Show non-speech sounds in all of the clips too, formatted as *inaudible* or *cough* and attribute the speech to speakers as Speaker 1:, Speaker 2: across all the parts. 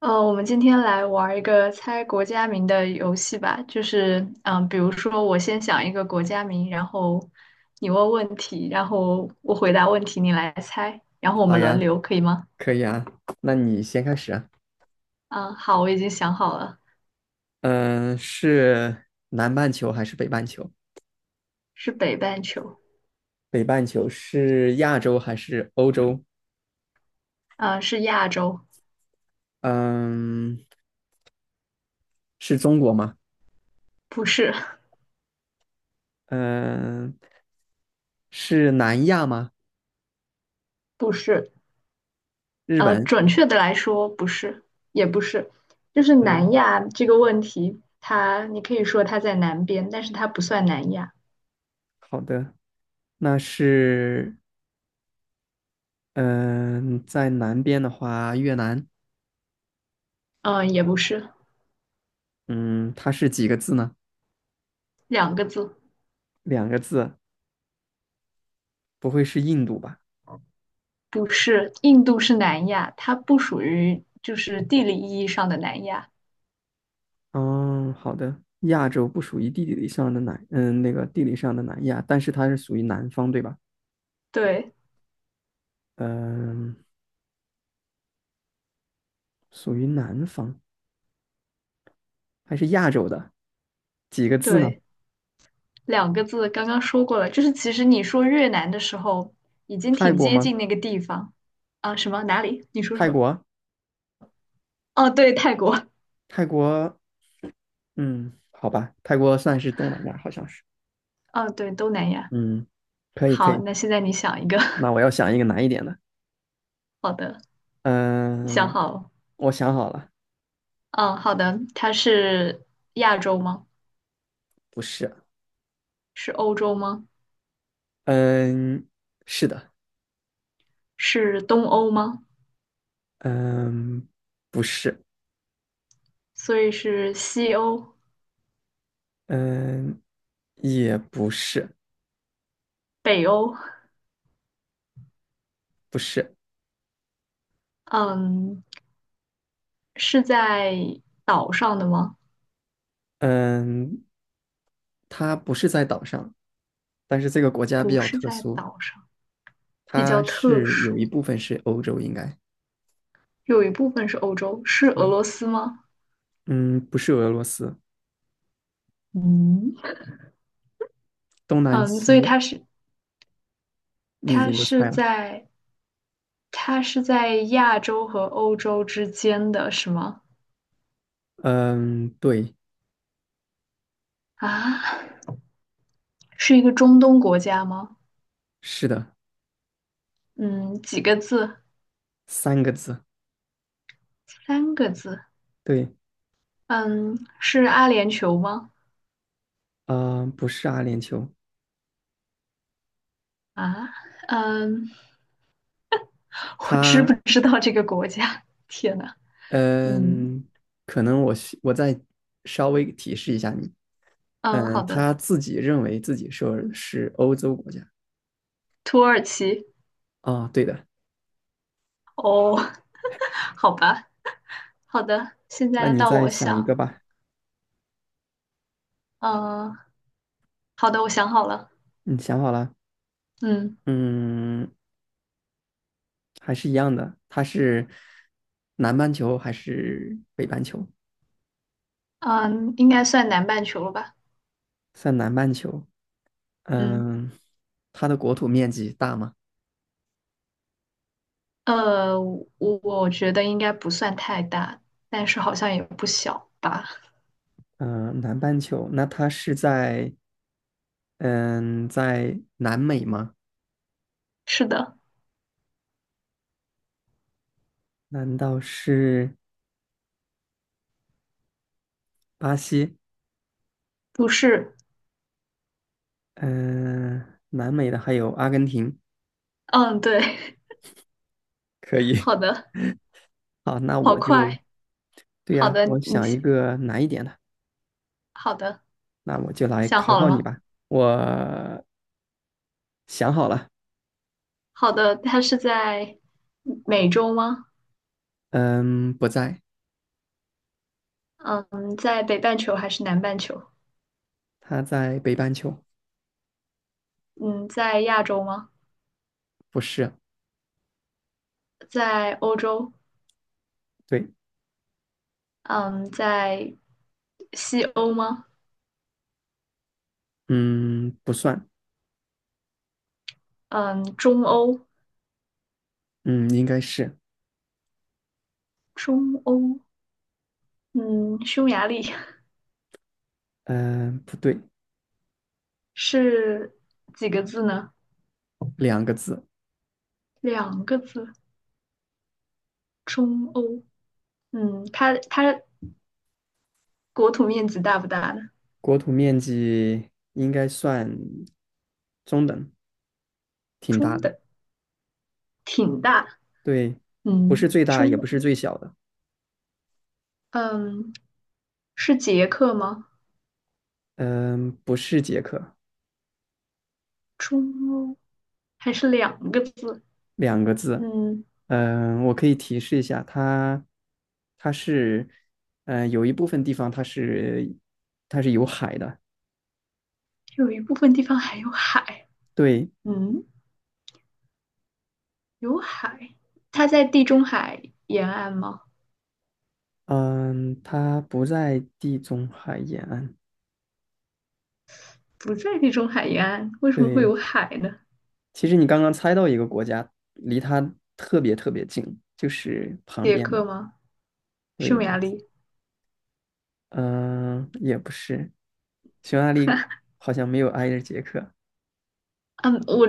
Speaker 1: 我们今天来玩儿一个猜国家名的游戏吧，就是，比如说我先想一个国家名，然后你问问题，然后我回答问题，你来猜，然后我
Speaker 2: 好
Speaker 1: 们轮
Speaker 2: 呀，
Speaker 1: 流，可以吗？
Speaker 2: 可以啊，那你先开始啊。
Speaker 1: 嗯，好，我已经想好了，
Speaker 2: 嗯，是南半球还是北半球？
Speaker 1: 是北半球，
Speaker 2: 北半球是亚洲还是欧洲？
Speaker 1: 嗯，是亚洲，
Speaker 2: 嗯，是中国吗？
Speaker 1: 不是，
Speaker 2: 嗯，是南亚吗？
Speaker 1: *laughs* 不是，
Speaker 2: 日本？
Speaker 1: 准确的来说不是，也不是，就是南
Speaker 2: 嗯，
Speaker 1: 亚这个问题，它你可以说它在南边，但是它不算南亚，
Speaker 2: 好的，那是嗯，在南边的话，越南。
Speaker 1: 嗯，也不是，
Speaker 2: 嗯，它是几个字呢？
Speaker 1: 两个字。
Speaker 2: 两个字，不会是印度吧？
Speaker 1: 不是，印度是南亚，它不属于就是地理意义上的南亚。
Speaker 2: 哦，好的。亚洲不属于地理上的南，那个地理上的南亚，但是它是属于南方，对吧？
Speaker 1: 对
Speaker 2: 嗯，属于南方，还是亚洲的？几个字呢？
Speaker 1: 对，两个字刚刚说过了，就是其实你说越南的时候，已经
Speaker 2: 泰
Speaker 1: 挺
Speaker 2: 国
Speaker 1: 接
Speaker 2: 吗？
Speaker 1: 近那个地方啊。什么？哪里？你说什
Speaker 2: 泰
Speaker 1: 么？
Speaker 2: 国，
Speaker 1: 哦，对，泰国。
Speaker 2: 泰国，好吧，泰国算是东南亚，好像是。
Speaker 1: 哦，对，东南亚。
Speaker 2: 嗯，可以，可
Speaker 1: 好，
Speaker 2: 以。
Speaker 1: 那现在你想一个。
Speaker 2: 那
Speaker 1: *laughs*
Speaker 2: 我要想一个难一点的。
Speaker 1: 好的，你想
Speaker 2: 嗯，
Speaker 1: 好了。
Speaker 2: 我想好了，
Speaker 1: 嗯，好的。它是亚洲吗？
Speaker 2: 不是。
Speaker 1: 是欧洲吗？
Speaker 2: 嗯，是的。
Speaker 1: 是东欧吗？
Speaker 2: 嗯，不是。
Speaker 1: 所以是西欧、
Speaker 2: 嗯，也不是。
Speaker 1: 北欧。
Speaker 2: 不是，
Speaker 1: 嗯，是在岛上的吗？
Speaker 2: 嗯，它不是在岛上，但是这个国家比
Speaker 1: 不
Speaker 2: 较
Speaker 1: 是
Speaker 2: 特
Speaker 1: 在
Speaker 2: 殊，
Speaker 1: 岛上，比
Speaker 2: 它
Speaker 1: 较特
Speaker 2: 是有
Speaker 1: 殊。
Speaker 2: 一部分是欧洲，应该，
Speaker 1: 有一部分是欧洲，是俄罗
Speaker 2: 嗯，
Speaker 1: 斯吗？
Speaker 2: 嗯，不是俄罗斯，
Speaker 1: 嗯，
Speaker 2: 东南
Speaker 1: 嗯，所以它
Speaker 2: 西
Speaker 1: 是
Speaker 2: 你已
Speaker 1: 它
Speaker 2: 经都
Speaker 1: 是
Speaker 2: 猜了，
Speaker 1: 在它是在亚洲和欧洲之间的，是吗？
Speaker 2: 嗯，对，
Speaker 1: 啊，是一个中东国家吗？
Speaker 2: 是的，
Speaker 1: 嗯，几个字？
Speaker 2: 三个字，
Speaker 1: 三个字。
Speaker 2: 对，
Speaker 1: 嗯，是阿联酋吗？
Speaker 2: 啊、不是阿联酋，
Speaker 1: 啊，嗯，我知不
Speaker 2: 它，
Speaker 1: 知道这个国家？*laughs* 天呐，嗯
Speaker 2: 嗯，可能我再稍微提示一下你，
Speaker 1: 嗯，好的，
Speaker 2: 他自己认为自己说是欧洲国家。
Speaker 1: 土耳其。
Speaker 2: 啊、对的，
Speaker 1: 哦，*laughs* 好吧，好的，现
Speaker 2: 那
Speaker 1: 在
Speaker 2: 你
Speaker 1: 到
Speaker 2: 再
Speaker 1: 我
Speaker 2: 想一个
Speaker 1: 想，
Speaker 2: 吧。
Speaker 1: 呃，好的，我想好了，
Speaker 2: 你想好了？
Speaker 1: 嗯
Speaker 2: 嗯，还是一样的，它是南半球还是北半球？
Speaker 1: 嗯，应该算南半球了吧？
Speaker 2: 在南半球，
Speaker 1: 嗯，
Speaker 2: 嗯，它的国土面积大吗？
Speaker 1: 呃，我我觉得应该不算太大，但是好像也不小吧？
Speaker 2: 嗯，南半球，那它是在嗯在南美吗？
Speaker 1: 是的，
Speaker 2: 难道是巴西？
Speaker 1: 不是，
Speaker 2: 嗯，南美的还有阿根廷，
Speaker 1: 嗯，对，
Speaker 2: 可
Speaker 1: *laughs*
Speaker 2: 以。
Speaker 1: 好的，
Speaker 2: *laughs* 好，那
Speaker 1: 好
Speaker 2: 我就，
Speaker 1: 快，
Speaker 2: 对
Speaker 1: 好
Speaker 2: 呀，
Speaker 1: 的，
Speaker 2: 我
Speaker 1: 你
Speaker 2: 想一
Speaker 1: 先。
Speaker 2: 个难一点的，
Speaker 1: 好的，
Speaker 2: 那我就来
Speaker 1: 想
Speaker 2: 考
Speaker 1: 好了
Speaker 2: 考你
Speaker 1: 吗？
Speaker 2: 吧。我想好了。
Speaker 1: 好的，它是在美洲吗？
Speaker 2: 嗯，不在，
Speaker 1: 嗯，在北半球还是南半球？
Speaker 2: 他在北半球，
Speaker 1: 嗯，在亚洲吗？
Speaker 2: 不是，
Speaker 1: 在欧洲，
Speaker 2: 对，
Speaker 1: 嗯，在西欧吗？
Speaker 2: 嗯，不算，
Speaker 1: 嗯，中欧，
Speaker 2: 嗯，应该是，
Speaker 1: 中欧，嗯，匈牙利。
Speaker 2: 嗯，不对，
Speaker 1: 是几个字呢？
Speaker 2: 两个字，
Speaker 1: 两个字，中欧。嗯，它国土面积大不大呢？
Speaker 2: 国土面积应该算中等，挺
Speaker 1: 中
Speaker 2: 大的，
Speaker 1: 等，挺大。
Speaker 2: 对，不是
Speaker 1: 嗯，
Speaker 2: 最大，也
Speaker 1: 中
Speaker 2: 不
Speaker 1: 欧，
Speaker 2: 是最小的，
Speaker 1: 嗯，是捷克吗？
Speaker 2: 嗯，不是捷克，
Speaker 1: 中欧还是两个字？
Speaker 2: 两个字，
Speaker 1: 嗯，
Speaker 2: 我可以提示一下，它，它是，有一部分地方它是，它是有海的，
Speaker 1: 有一部分地方还有海。
Speaker 2: 对，
Speaker 1: 嗯，有海，它在地中海沿岸吗？
Speaker 2: 嗯，它不在地中海沿岸。
Speaker 1: 不在地中海沿岸，为什么会
Speaker 2: 对，
Speaker 1: 有海呢？
Speaker 2: 其实你刚刚猜到一个国家，离它特别特别近，就是旁
Speaker 1: 捷
Speaker 2: 边的。
Speaker 1: 克吗？
Speaker 2: 对，
Speaker 1: 匈牙利？
Speaker 2: 嗯，也不是，匈牙利好像没有挨着捷克。
Speaker 1: 嗯，我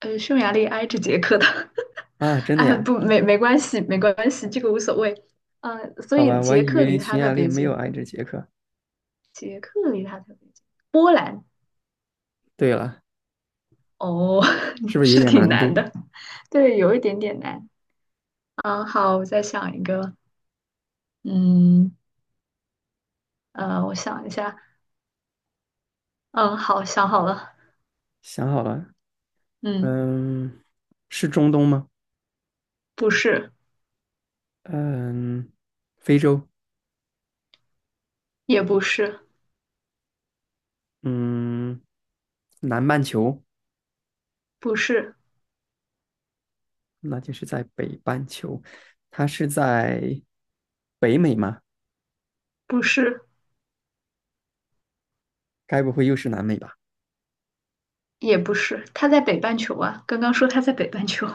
Speaker 1: 呃，匈牙利挨着捷克的。*laughs*
Speaker 2: 啊，真的
Speaker 1: 啊，
Speaker 2: 呀？
Speaker 1: 不，没关系，没关系，这个无所谓。嗯，所
Speaker 2: 好
Speaker 1: 以
Speaker 2: 吧，我还
Speaker 1: 捷
Speaker 2: 以
Speaker 1: 克
Speaker 2: 为
Speaker 1: 离
Speaker 2: 匈
Speaker 1: 它特
Speaker 2: 牙利
Speaker 1: 别
Speaker 2: 没有
Speaker 1: 近，
Speaker 2: 挨着捷克。
Speaker 1: 捷克离它特别近。波兰，
Speaker 2: 对了，
Speaker 1: 哦，
Speaker 2: 是
Speaker 1: *laughs*
Speaker 2: 不是有
Speaker 1: 是
Speaker 2: 点
Speaker 1: 挺
Speaker 2: 难度？
Speaker 1: 难的，对，有一点点难。嗯，好，我再想一个。嗯，我想一下。嗯，好，想好了。
Speaker 2: 想好了，
Speaker 1: 嗯，
Speaker 2: 嗯，是中东吗？
Speaker 1: 不是，
Speaker 2: 嗯，非洲，
Speaker 1: 也不是，
Speaker 2: 嗯，南半球。
Speaker 1: 不是，
Speaker 2: 那就是在北半球，它是在北美吗？
Speaker 1: 不是，
Speaker 2: 该不会又是南美吧？
Speaker 1: 也不是，它在北半球啊。刚刚说它在北半球，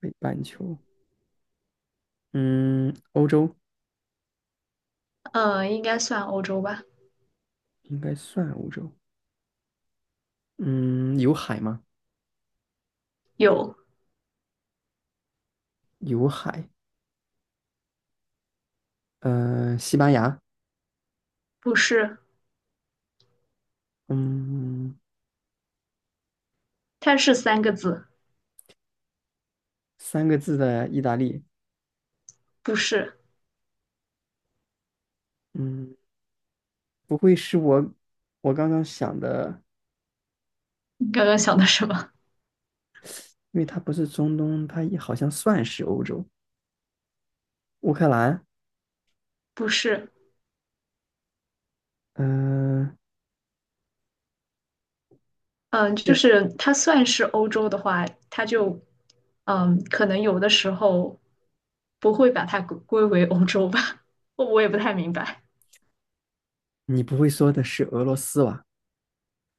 Speaker 2: 北半球，嗯，欧洲
Speaker 1: 应该算欧洲吧？
Speaker 2: 应该算欧洲，嗯，有海吗？
Speaker 1: 有，
Speaker 2: 有海，西班牙，
Speaker 1: 不是，
Speaker 2: 嗯，
Speaker 1: 它是三个字，
Speaker 2: 三个字的意大利，
Speaker 1: 不是。
Speaker 2: 嗯，不会是我刚刚想的，
Speaker 1: 你刚刚想的什么？
Speaker 2: 因为它不是中东，它也好像算是欧洲，乌克兰，
Speaker 1: 不是，
Speaker 2: 嗯、
Speaker 1: 嗯，就
Speaker 2: 那
Speaker 1: 是它算是欧洲的话，它就，可能有的时候不会把它归为欧洲吧？*laughs* 我也不太明白。
Speaker 2: 你不会说的是俄罗斯吧？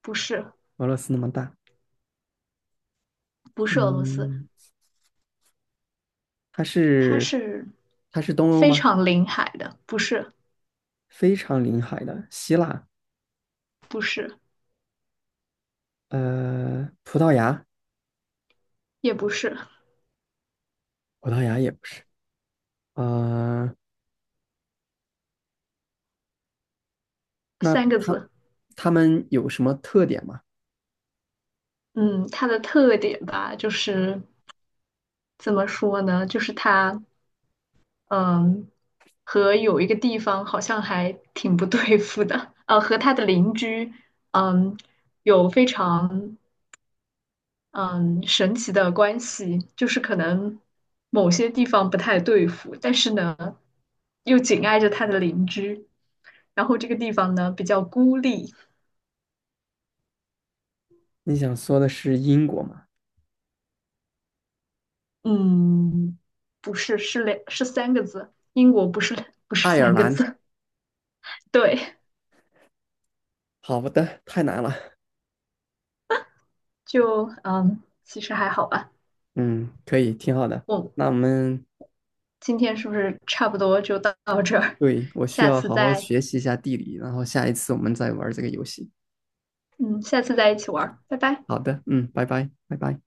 Speaker 1: 不是，
Speaker 2: 俄罗斯那么大，
Speaker 1: 不是俄罗斯，
Speaker 2: 嗯。它
Speaker 1: 它
Speaker 2: 是
Speaker 1: 是
Speaker 2: 它是东欧
Speaker 1: 非
Speaker 2: 吗？
Speaker 1: 常临海的，不是，
Speaker 2: 非常临海的，希腊，
Speaker 1: 不是。
Speaker 2: 葡萄牙，
Speaker 1: 也不是
Speaker 2: 葡萄牙也不是，呃，那
Speaker 1: 三个
Speaker 2: 它
Speaker 1: 字。
Speaker 2: 他们有什么特点吗？
Speaker 1: 嗯，它的特点吧，就是怎么说呢？就是它，嗯，和有一个地方好像还挺不对付的，和它的邻居，嗯，有非常嗯神奇的关系，就是可能某些地方不太对付，但是呢，又紧挨着它的邻居，然后这个地方呢比较孤立，
Speaker 2: 你想说的是英国吗？
Speaker 1: 嗯，不是，是三个字，英国不是不是
Speaker 2: 爱
Speaker 1: 三
Speaker 2: 尔
Speaker 1: 个
Speaker 2: 兰，
Speaker 1: 字，*laughs* 对，
Speaker 2: 好的，太难了，
Speaker 1: 就其实还好吧。
Speaker 2: 嗯，可以，挺好的。
Speaker 1: 我
Speaker 2: 那我们
Speaker 1: 今天是不是差不多就到这儿？
Speaker 2: 对
Speaker 1: *laughs*
Speaker 2: 我需
Speaker 1: 下
Speaker 2: 要
Speaker 1: 次
Speaker 2: 好好
Speaker 1: 再
Speaker 2: 学习一下地理，然后下一次我们再玩这个游戏。
Speaker 1: 嗯，下次再一起玩儿，拜拜。
Speaker 2: 好的，嗯，拜拜，拜拜。